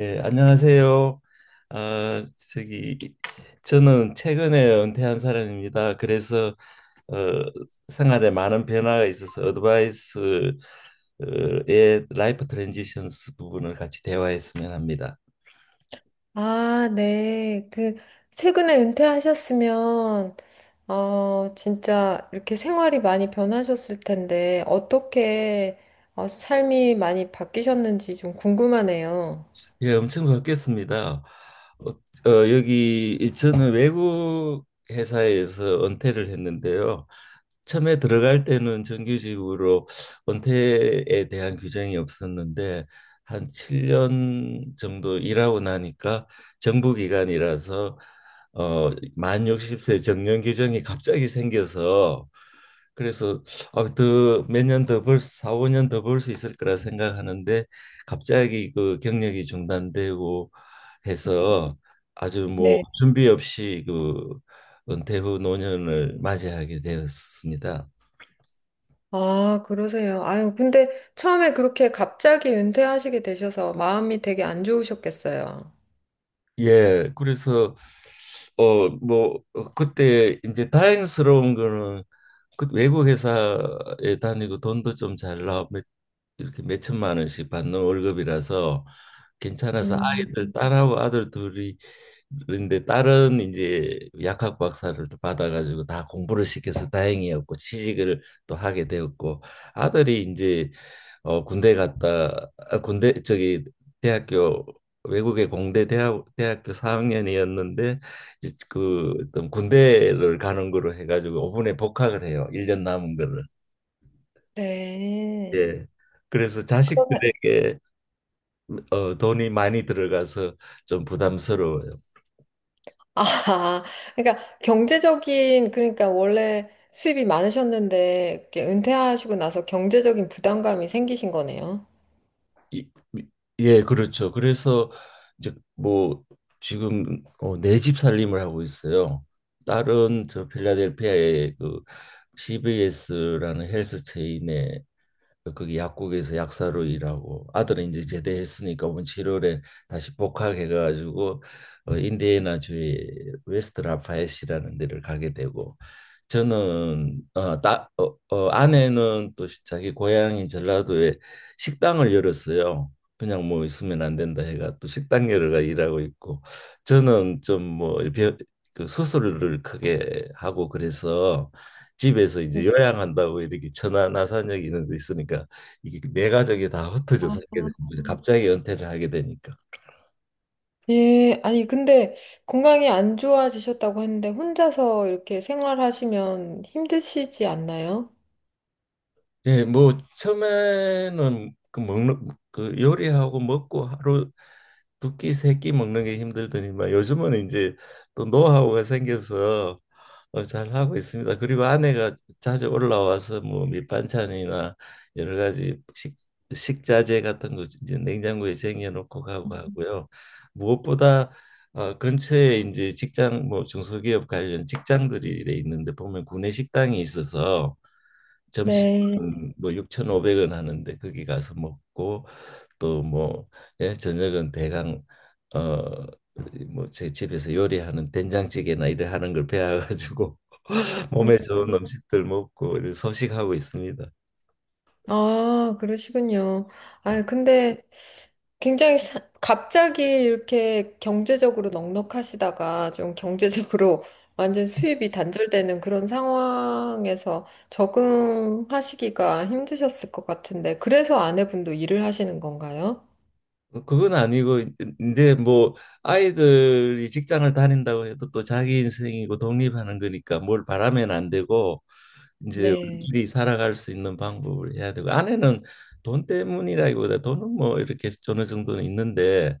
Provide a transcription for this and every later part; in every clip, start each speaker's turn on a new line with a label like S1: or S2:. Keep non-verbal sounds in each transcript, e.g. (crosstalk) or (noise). S1: 예, 안녕하세요. 아, 저기 저는 최근에 은퇴한 사람입니다. 그래서 어, 생활에 많은 변화가 있어서 어드바이스의 라이프 트랜지션스 부분을 같이 대화했으면 합니다.
S2: 아, 네. 그, 최근에 은퇴하셨으면, 진짜 이렇게 생활이 많이 변하셨을 텐데, 어떻게 삶이 많이 바뀌셨는지 좀 궁금하네요.
S1: 예, 엄청 바뀌었습니다. 어, 저는 외국 회사에서 은퇴를 했는데요. 처음에 들어갈 때는 정규직으로 은퇴에 대한 규정이 없었는데 한 7년 정도 일하고 나니까 정부 기관이라서 만 60세 정년 규정이 갑자기 생겨서 그래서 어, 더몇 년 더 벌, 사 오 년 더 벌 수 있을 거라 생각하는데 갑자기 그 경력이 중단되고 해서 아주 뭐
S2: 네.
S1: 준비 없이 그 은퇴 후 노년을 맞이하게 되었습니다.
S2: 아, 그러세요. 아유, 근데 처음에 그렇게 갑자기 은퇴하시게 되셔서 마음이 되게 안 좋으셨겠어요.
S1: 예, 그래서 그때 이제 다행스러운 거는 그 외국 회사에 다니고 돈도 좀 잘 나와 이렇게 몇 천만 원씩 받는 월급이라서 괜찮아서
S2: 음,
S1: 아이들 딸하고 아들 둘이. 그런데 딸은 이제 약학 박사를 또 받아가지고 다 공부를 시켜서 다행이었고 취직을 또 하게 되었고, 아들이 이제 군대 갔다, 군대 저기 대학교, 외국의 공대 대학교 4학년이었는데 이제 그 어떤 군대를 가는 거로 해가지고 5분에 복학을 해요. 1년 남은 거를.
S2: 네.
S1: 예. 그래서 자식들에게 돈이 많이 들어가서 좀 부담스러워요.
S2: 아, 그러니까 경제적인, 그러니까 원래 수입이 많으셨는데, 이렇게 은퇴하시고 나서 경제적인 부담감이 생기신 거네요.
S1: 이, 예, 그렇죠. 그래서 이제 뭐 지금 내집 살림을 하고 있어요. 딸은 저 필라델피아의 그 CBS라는 헬스 체인에 거기 약국에서 약사로 일하고, 아들은 이제 제대했으니까 이번 7월에 다시 복학해가지고 인디애나주의 웨스트 라파엣이라는 데를 가게 되고, 저는 아내는 또 자기 고향인 전라도에 식당을 열었어요. 그냥 뭐 있으면 안 된다 해가 또 식당 열어가 일하고 있고, 저는 좀 뭐 그 수술을 크게 하고 그래서 집에서 이제 요양한다고 이렇게 천안 아산역 이런 데 있으니까 이게 내 가족이 다 흩어져 살게 되는
S2: 아,
S1: 거죠. 갑자기 은퇴를 하게 되니까.
S2: 예, 아니, 근데 건강이 안 좋아지셨다고 했는데, 혼자서 이렇게 생활하시면 힘드시지 않나요?
S1: 예, 뭐 처음에는 그 먹는 그 요리하고 먹고 하루 두끼 세끼 먹는 게 힘들더니만 요즘은 이제 또 노하우가 생겨서 잘 하고 있습니다. 그리고 아내가 자주 올라와서 뭐 밑반찬이나 여러 가지 식 식자재 같은 거 이제 냉장고에 쟁여놓고 가고 하고요. 무엇보다 근처에 이제 직장 뭐 중소기업 관련 직장들이 이래 있는데 보면 구내 식당이 있어서
S2: 네.
S1: 점심은 뭐 6,500원 하는데 거기 가서 먹고, 또 뭐 예, 저녁은 대강 어 뭐 제 집에서 요리하는 된장찌개나 이래 하는 걸 배워가지고 (laughs) 몸에 좋은
S2: 음.
S1: 음식들 먹고 이렇게 소식하고 있습니다.
S2: 아, 그러시군요. 아, 근데 굉장히 갑자기 이렇게 경제적으로 넉넉하시다가 좀 경제적으로 (laughs) 완전 수입이 단절되는 그런 상황에서 적응하시기가 힘드셨을 것 같은데, 그래서 아내분도 일을 하시는 건가요?
S1: 그건 아니고 근데 뭐 아이들이 직장을 다닌다고 해도 또 자기 인생이고 독립하는 거니까 뭘 바라면 안 되고, 이제
S2: 네.
S1: 우리끼리 살아갈 수 있는 방법을 해야 되고. 아내는 돈 때문이라기보다, 돈은 뭐 이렇게 어느 정도는 있는데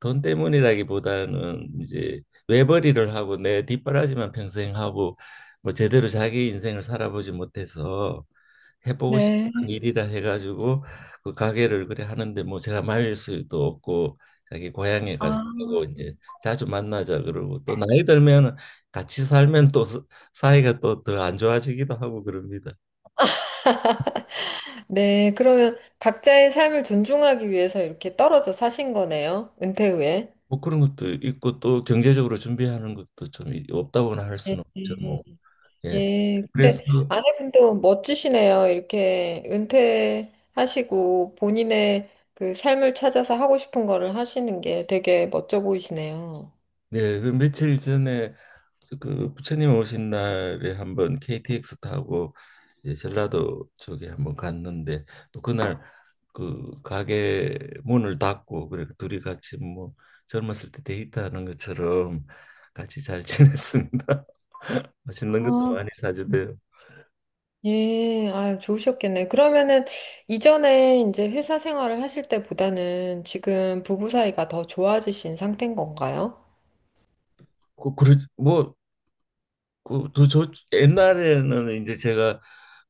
S1: 돈 때문이라기보다는 이제 외벌이를 하고 내 뒷바라지만 평생 하고 뭐 제대로 자기 인생을 살아보지 못해서 해보고 싶은
S2: 네.
S1: 일이라 해가지고 그 가게를 그래 하는데 뭐 제가 말릴 수도 없고 자기 고향에
S2: 아.
S1: 가서 하고. 이제 자주 만나자 그러고, 또 나이 들면 같이 살면 또 사이가 또 더 안 좋아지기도 하고 그럽니다.
S2: 네, 그러면 각자의 삶을 존중하기 위해서 이렇게 떨어져 사신 거네요. 은퇴 후에.
S1: 뭐 그런 것도 있고 또 경제적으로 준비하는 것도 좀 없다고나 할 수는 없죠
S2: 네.
S1: 뭐. 예.
S2: 예,
S1: 그래서
S2: 근데 아내분도 멋지시네요. 이렇게 은퇴하시고 본인의 그 삶을 찾아서 하고 싶은 거를 하시는 게 되게 멋져 보이시네요.
S1: 네, 그 며칠 전에 그 부처님 오신 날에 한번 KTX 타고 이제 전라도 쪽에 한번 갔는데, 또 그날 그 가게 문을 닫고 그래 둘이 같이 뭐 젊었을 때 데이트하는 것처럼 같이 잘 지냈습니다. (laughs) 맛있는 것도
S2: 아,
S1: 많이 사주대요.
S2: 예, 아, 좋으셨겠네. 그러면은 이전에 이제 회사 생활을 하실 때보다는 지금 부부 사이가 더 좋아지신 상태인 건가요?
S1: 뭐 그저 옛날에는 이제 제가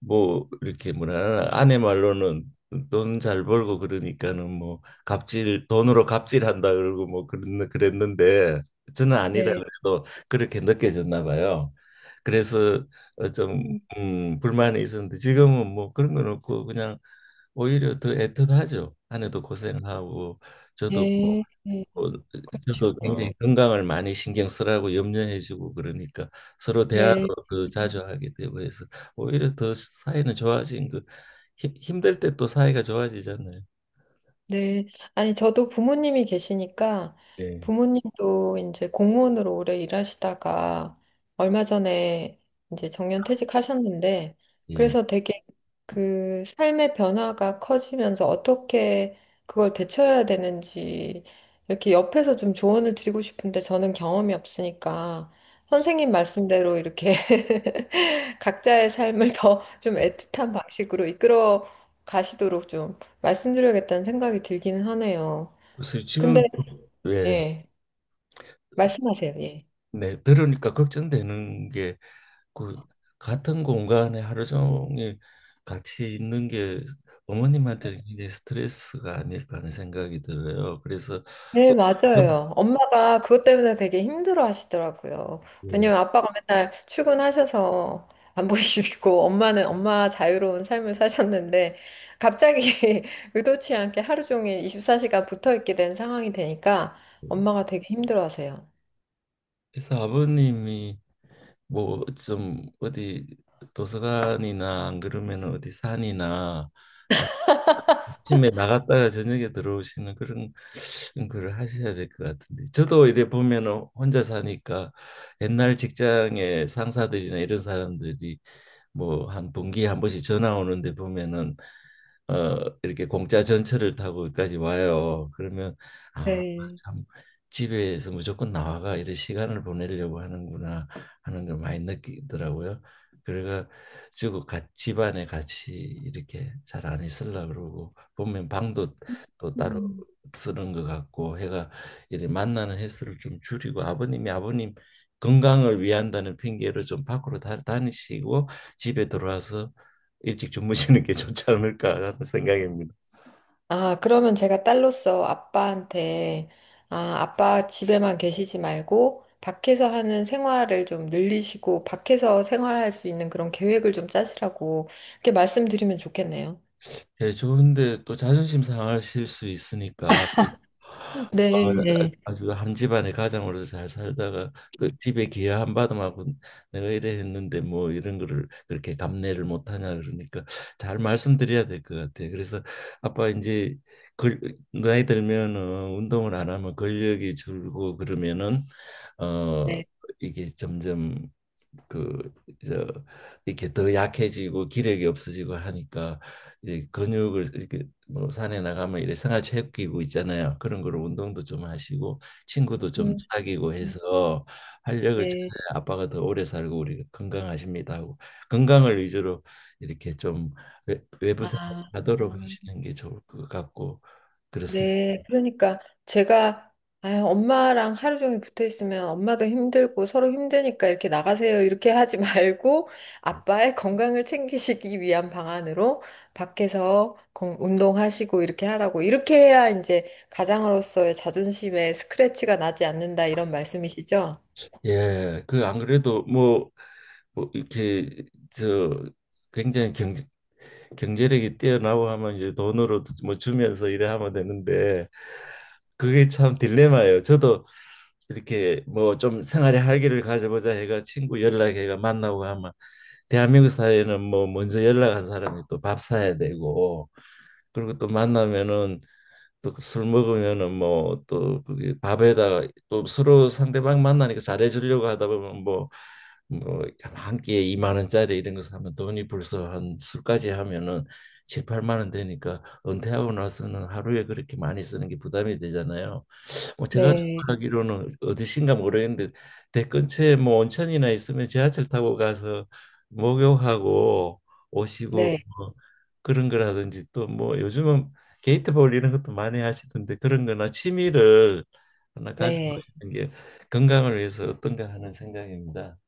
S1: 뭐 이렇게 뭐라 하나, 아내 말로는 돈 잘 벌고 그러니까는 뭐 갑질, 돈으로 갑질한다 그러고 뭐 그런 그랬는데 저는 아니라
S2: 네.
S1: 그래도 그렇게 느껴졌나 봐요. 그래서 좀
S2: 음,
S1: 불만이 있었는데 지금은 뭐 그런 건 없고 그냥 오히려 더 애틋하죠. 아내도 고생하고 저도 뭐
S2: 네, 네,
S1: 어, 저도
S2: 그러시구나.
S1: 굉장히 건강을 많이 신경 쓰라고 염려해주고 그러니까 서로 대화도
S2: 네.
S1: 더 자주 하게 되고 해서 오히려 더 사이는 좋아진 그 힘들 때 또 사이가 좋아지잖아요.
S2: 네. 아니, 저도 부모님이 계시니까
S1: 예,
S2: 부모님도 이제 공무원으로 오래 일하시다가 얼마 전에 이제 정년퇴직하셨는데
S1: 예.
S2: 그래서 되게 그 삶의 변화가 커지면서 어떻게 그걸 대처해야 되는지 이렇게 옆에서 좀 조언을 드리고 싶은데 저는 경험이 없으니까 선생님 말씀대로 이렇게 (laughs) 각자의 삶을 더 좀
S1: 예.
S2: 애틋한 방식으로 이끌어 가시도록 좀 말씀드려야겠다는 생각이 들기는 하네요.
S1: 그래서 지금,
S2: 근데,
S1: 왜,
S2: 예, 말씀하세요, 예.
S1: 네, 들으니까 걱정되는 게 그 같은 공간에 하루 종일 같이 있는 게 어머님한테는 굉장히 스트레스가 아닐까 하는 생각이 들어요. 그래서
S2: 네, 맞아요. 엄마가 그것 때문에 되게 힘들어 하시더라고요.
S1: 그-
S2: 왜냐면 아빠가 맨날 출근하셔서 안 (laughs) 보이시고, 엄마는 엄마 자유로운 삶을 사셨는데, 갑자기 (laughs) 의도치 않게 하루 종일 24시간 붙어 있게 된 상황이 되니까
S1: 예.
S2: 엄마가 되게 힘들어 하세요.
S1: 그래서 아버님이 뭐 좀 어디 도서관이나, 안 그러면 어디 산이나 아침에 나갔다가 저녁에 들어오시는 그런 걸 하셔야 될 것 같은데, 저도 이래 보면은 혼자 사니까 옛날 직장의 상사들이나 이런 사람들이 뭐 한 분기에 한 번씩 전화 오는데 보면은 이렇게 공짜 전철을 타고 여기까지 와요. 그러면 아,
S2: 네.
S1: 참 집에서 무조건 나와가 이런 시간을 보내려고 하는구나 하는 걸 많이 느끼더라고요. 그래가지고 같 집안에 같이 이렇게 잘 안 있으려 그러고, 보면 방도 또 따로 쓰는 것 같고 해가, 이렇게 만나는 횟수를 좀 줄이고 아버님이 아버님 건강을 위한다는 핑계로 좀 밖으로 다니시고 집에 들어와서 일찍 주무시는 게 (laughs) 좋지 않을까 하는 생각입니다.
S2: 아, 그러면 제가 딸로서 아빠한테, 아, 아빠 집에만 계시지 말고, 밖에서 하는 생활을 좀 늘리시고, 밖에서 생활할 수 있는 그런 계획을 좀 짜시라고, 이렇게 말씀드리면 좋겠네요.
S1: 예, 좋은데 또 자존심 상하실 수 있으니까 어,
S2: 네, 네.
S1: 아주 한 집안의 가장으로서 잘 살다가 그 집에 기여 한 바람하고 내가 이래 했는데 뭐 이런 거를 그렇게 감내를 못하냐 그러니까 잘 말씀드려야 될 것 같아요. 그래서 아빠 이제 걸, 나이 들면은 운동을 안 하면 근력이 줄고, 그러면은 어
S2: 네.
S1: 이게 점점 그저 이렇게 더 약해지고 기력이 없어지고 하니까 이 근육을 이렇게 뭐 산에 나가면 이래 생활 체육기구 있잖아요. 그런 거로 운동도 좀 하시고 친구도 좀
S2: 음,
S1: 사귀고 해서 활력을
S2: 네.
S1: 찾아야 아빠가 더 오래 살고 우리 건강하십니다 하고, 건강을 위주로 이렇게 좀 외부
S2: 아.
S1: 생활하도록 하시는 게 좋을 것 같고 그렇습니다.
S2: 네, 그러니까 제가 아, 엄마랑 하루 종일 붙어 있으면 엄마도 힘들고 서로 힘드니까 이렇게 나가세요. 이렇게 하지 (laughs) 말고 아빠의 건강을 챙기시기 위한 방안으로 밖에서 운동하시고 이렇게 하라고. 이렇게 해야 이제 가장으로서의 자존심에 스크래치가 나지 않는다 이런 말씀이시죠?
S1: 예, 그 안 그래도 뭐 이렇게 저 굉장히 경제력이 뛰어나고 하면 이제 돈으로 뭐 주면서 이래 하면 되는데, 그게 참 딜레마예요. 저도 이렇게 뭐 좀 생활의 활기를 가져보자 해가 친구 연락해가 만나고 하면 대한민국 사회는 뭐 먼저 연락한 사람이 또 밥 사야 되고, 그리고 또 만나면은 또술 먹으면은 뭐 또 그게 밥에다가 또 서로 상대방 만나니까 잘해주려고 하다 보면 뭐 뭐 한 끼에 2만 원짜리 이런 거 사면 돈이 벌써 한 술까지 하면은 7, 8만 원 되니까 은퇴하고 나서는 하루에 그렇게 많이 쓰는 게 부담이 되잖아요. 뭐 제가
S2: 네.
S1: 생각하기로는 어디신가 모르겠는데 대 근처에 뭐 온천이나 있으면 지하철 타고 가서 목욕하고 오시고
S2: 네,
S1: 뭐 그런 거라든지, 또 뭐 요즘은 게이트볼 이런 것도 많이 하시던데 그런 거나 취미를 하나
S2: 네.
S1: 가져보시는 게 건강을 위해서 어떤가 하는 생각입니다.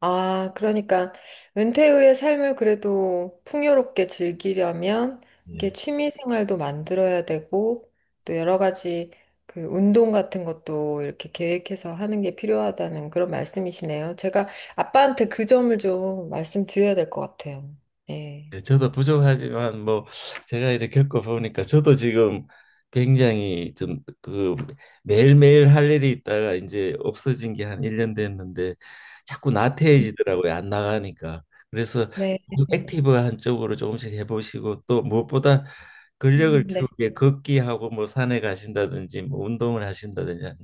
S2: 아, 그러니까 은퇴 후의 삶을 그래도 풍요롭게 즐기려면 이게
S1: 예.
S2: 취미 생활도 만들어야 되고 또 여러 가지 그 운동 같은 것도 이렇게 계획해서 하는 게 필요하다는 그런 말씀이시네요. 제가 아빠한테 그 점을 좀 말씀드려야 될 것 같아요. 예.
S1: 예, 저도 부족하지만 뭐 제가 이렇게 겪어보니까 저도 지금 굉장히 좀 그 매일매일 할 일이 있다가 이제 없어진 게 한 1년 됐는데 자꾸 나태해지더라고요. 안 나가니까. 그래서
S2: 네.
S1: 조금 액티브한 쪽으로 조금씩 해보시고, 또 무엇보다 근력을
S2: 네.
S1: 키우게 걷기하고 뭐 산에 가신다든지 뭐 운동을 하신다든지 하는,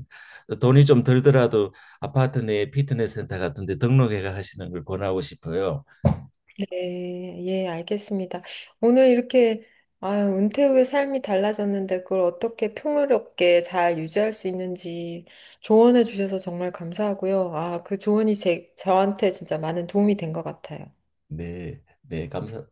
S1: 돈이 좀 들더라도 아파트 내 피트니스 센터 같은 데 등록해가 하시는 걸 권하고 싶어요.
S2: 네, 예, 알겠습니다. 오늘 이렇게 아, 은퇴 후에 삶이 달라졌는데 그걸 어떻게 풍요롭게 잘 유지할 수 있는지 조언해 주셔서 정말 감사하고요. 아, 그 조언이 제, 저한테 진짜 많은 도움이 된 것 같아요.
S1: 네. 네, 감사,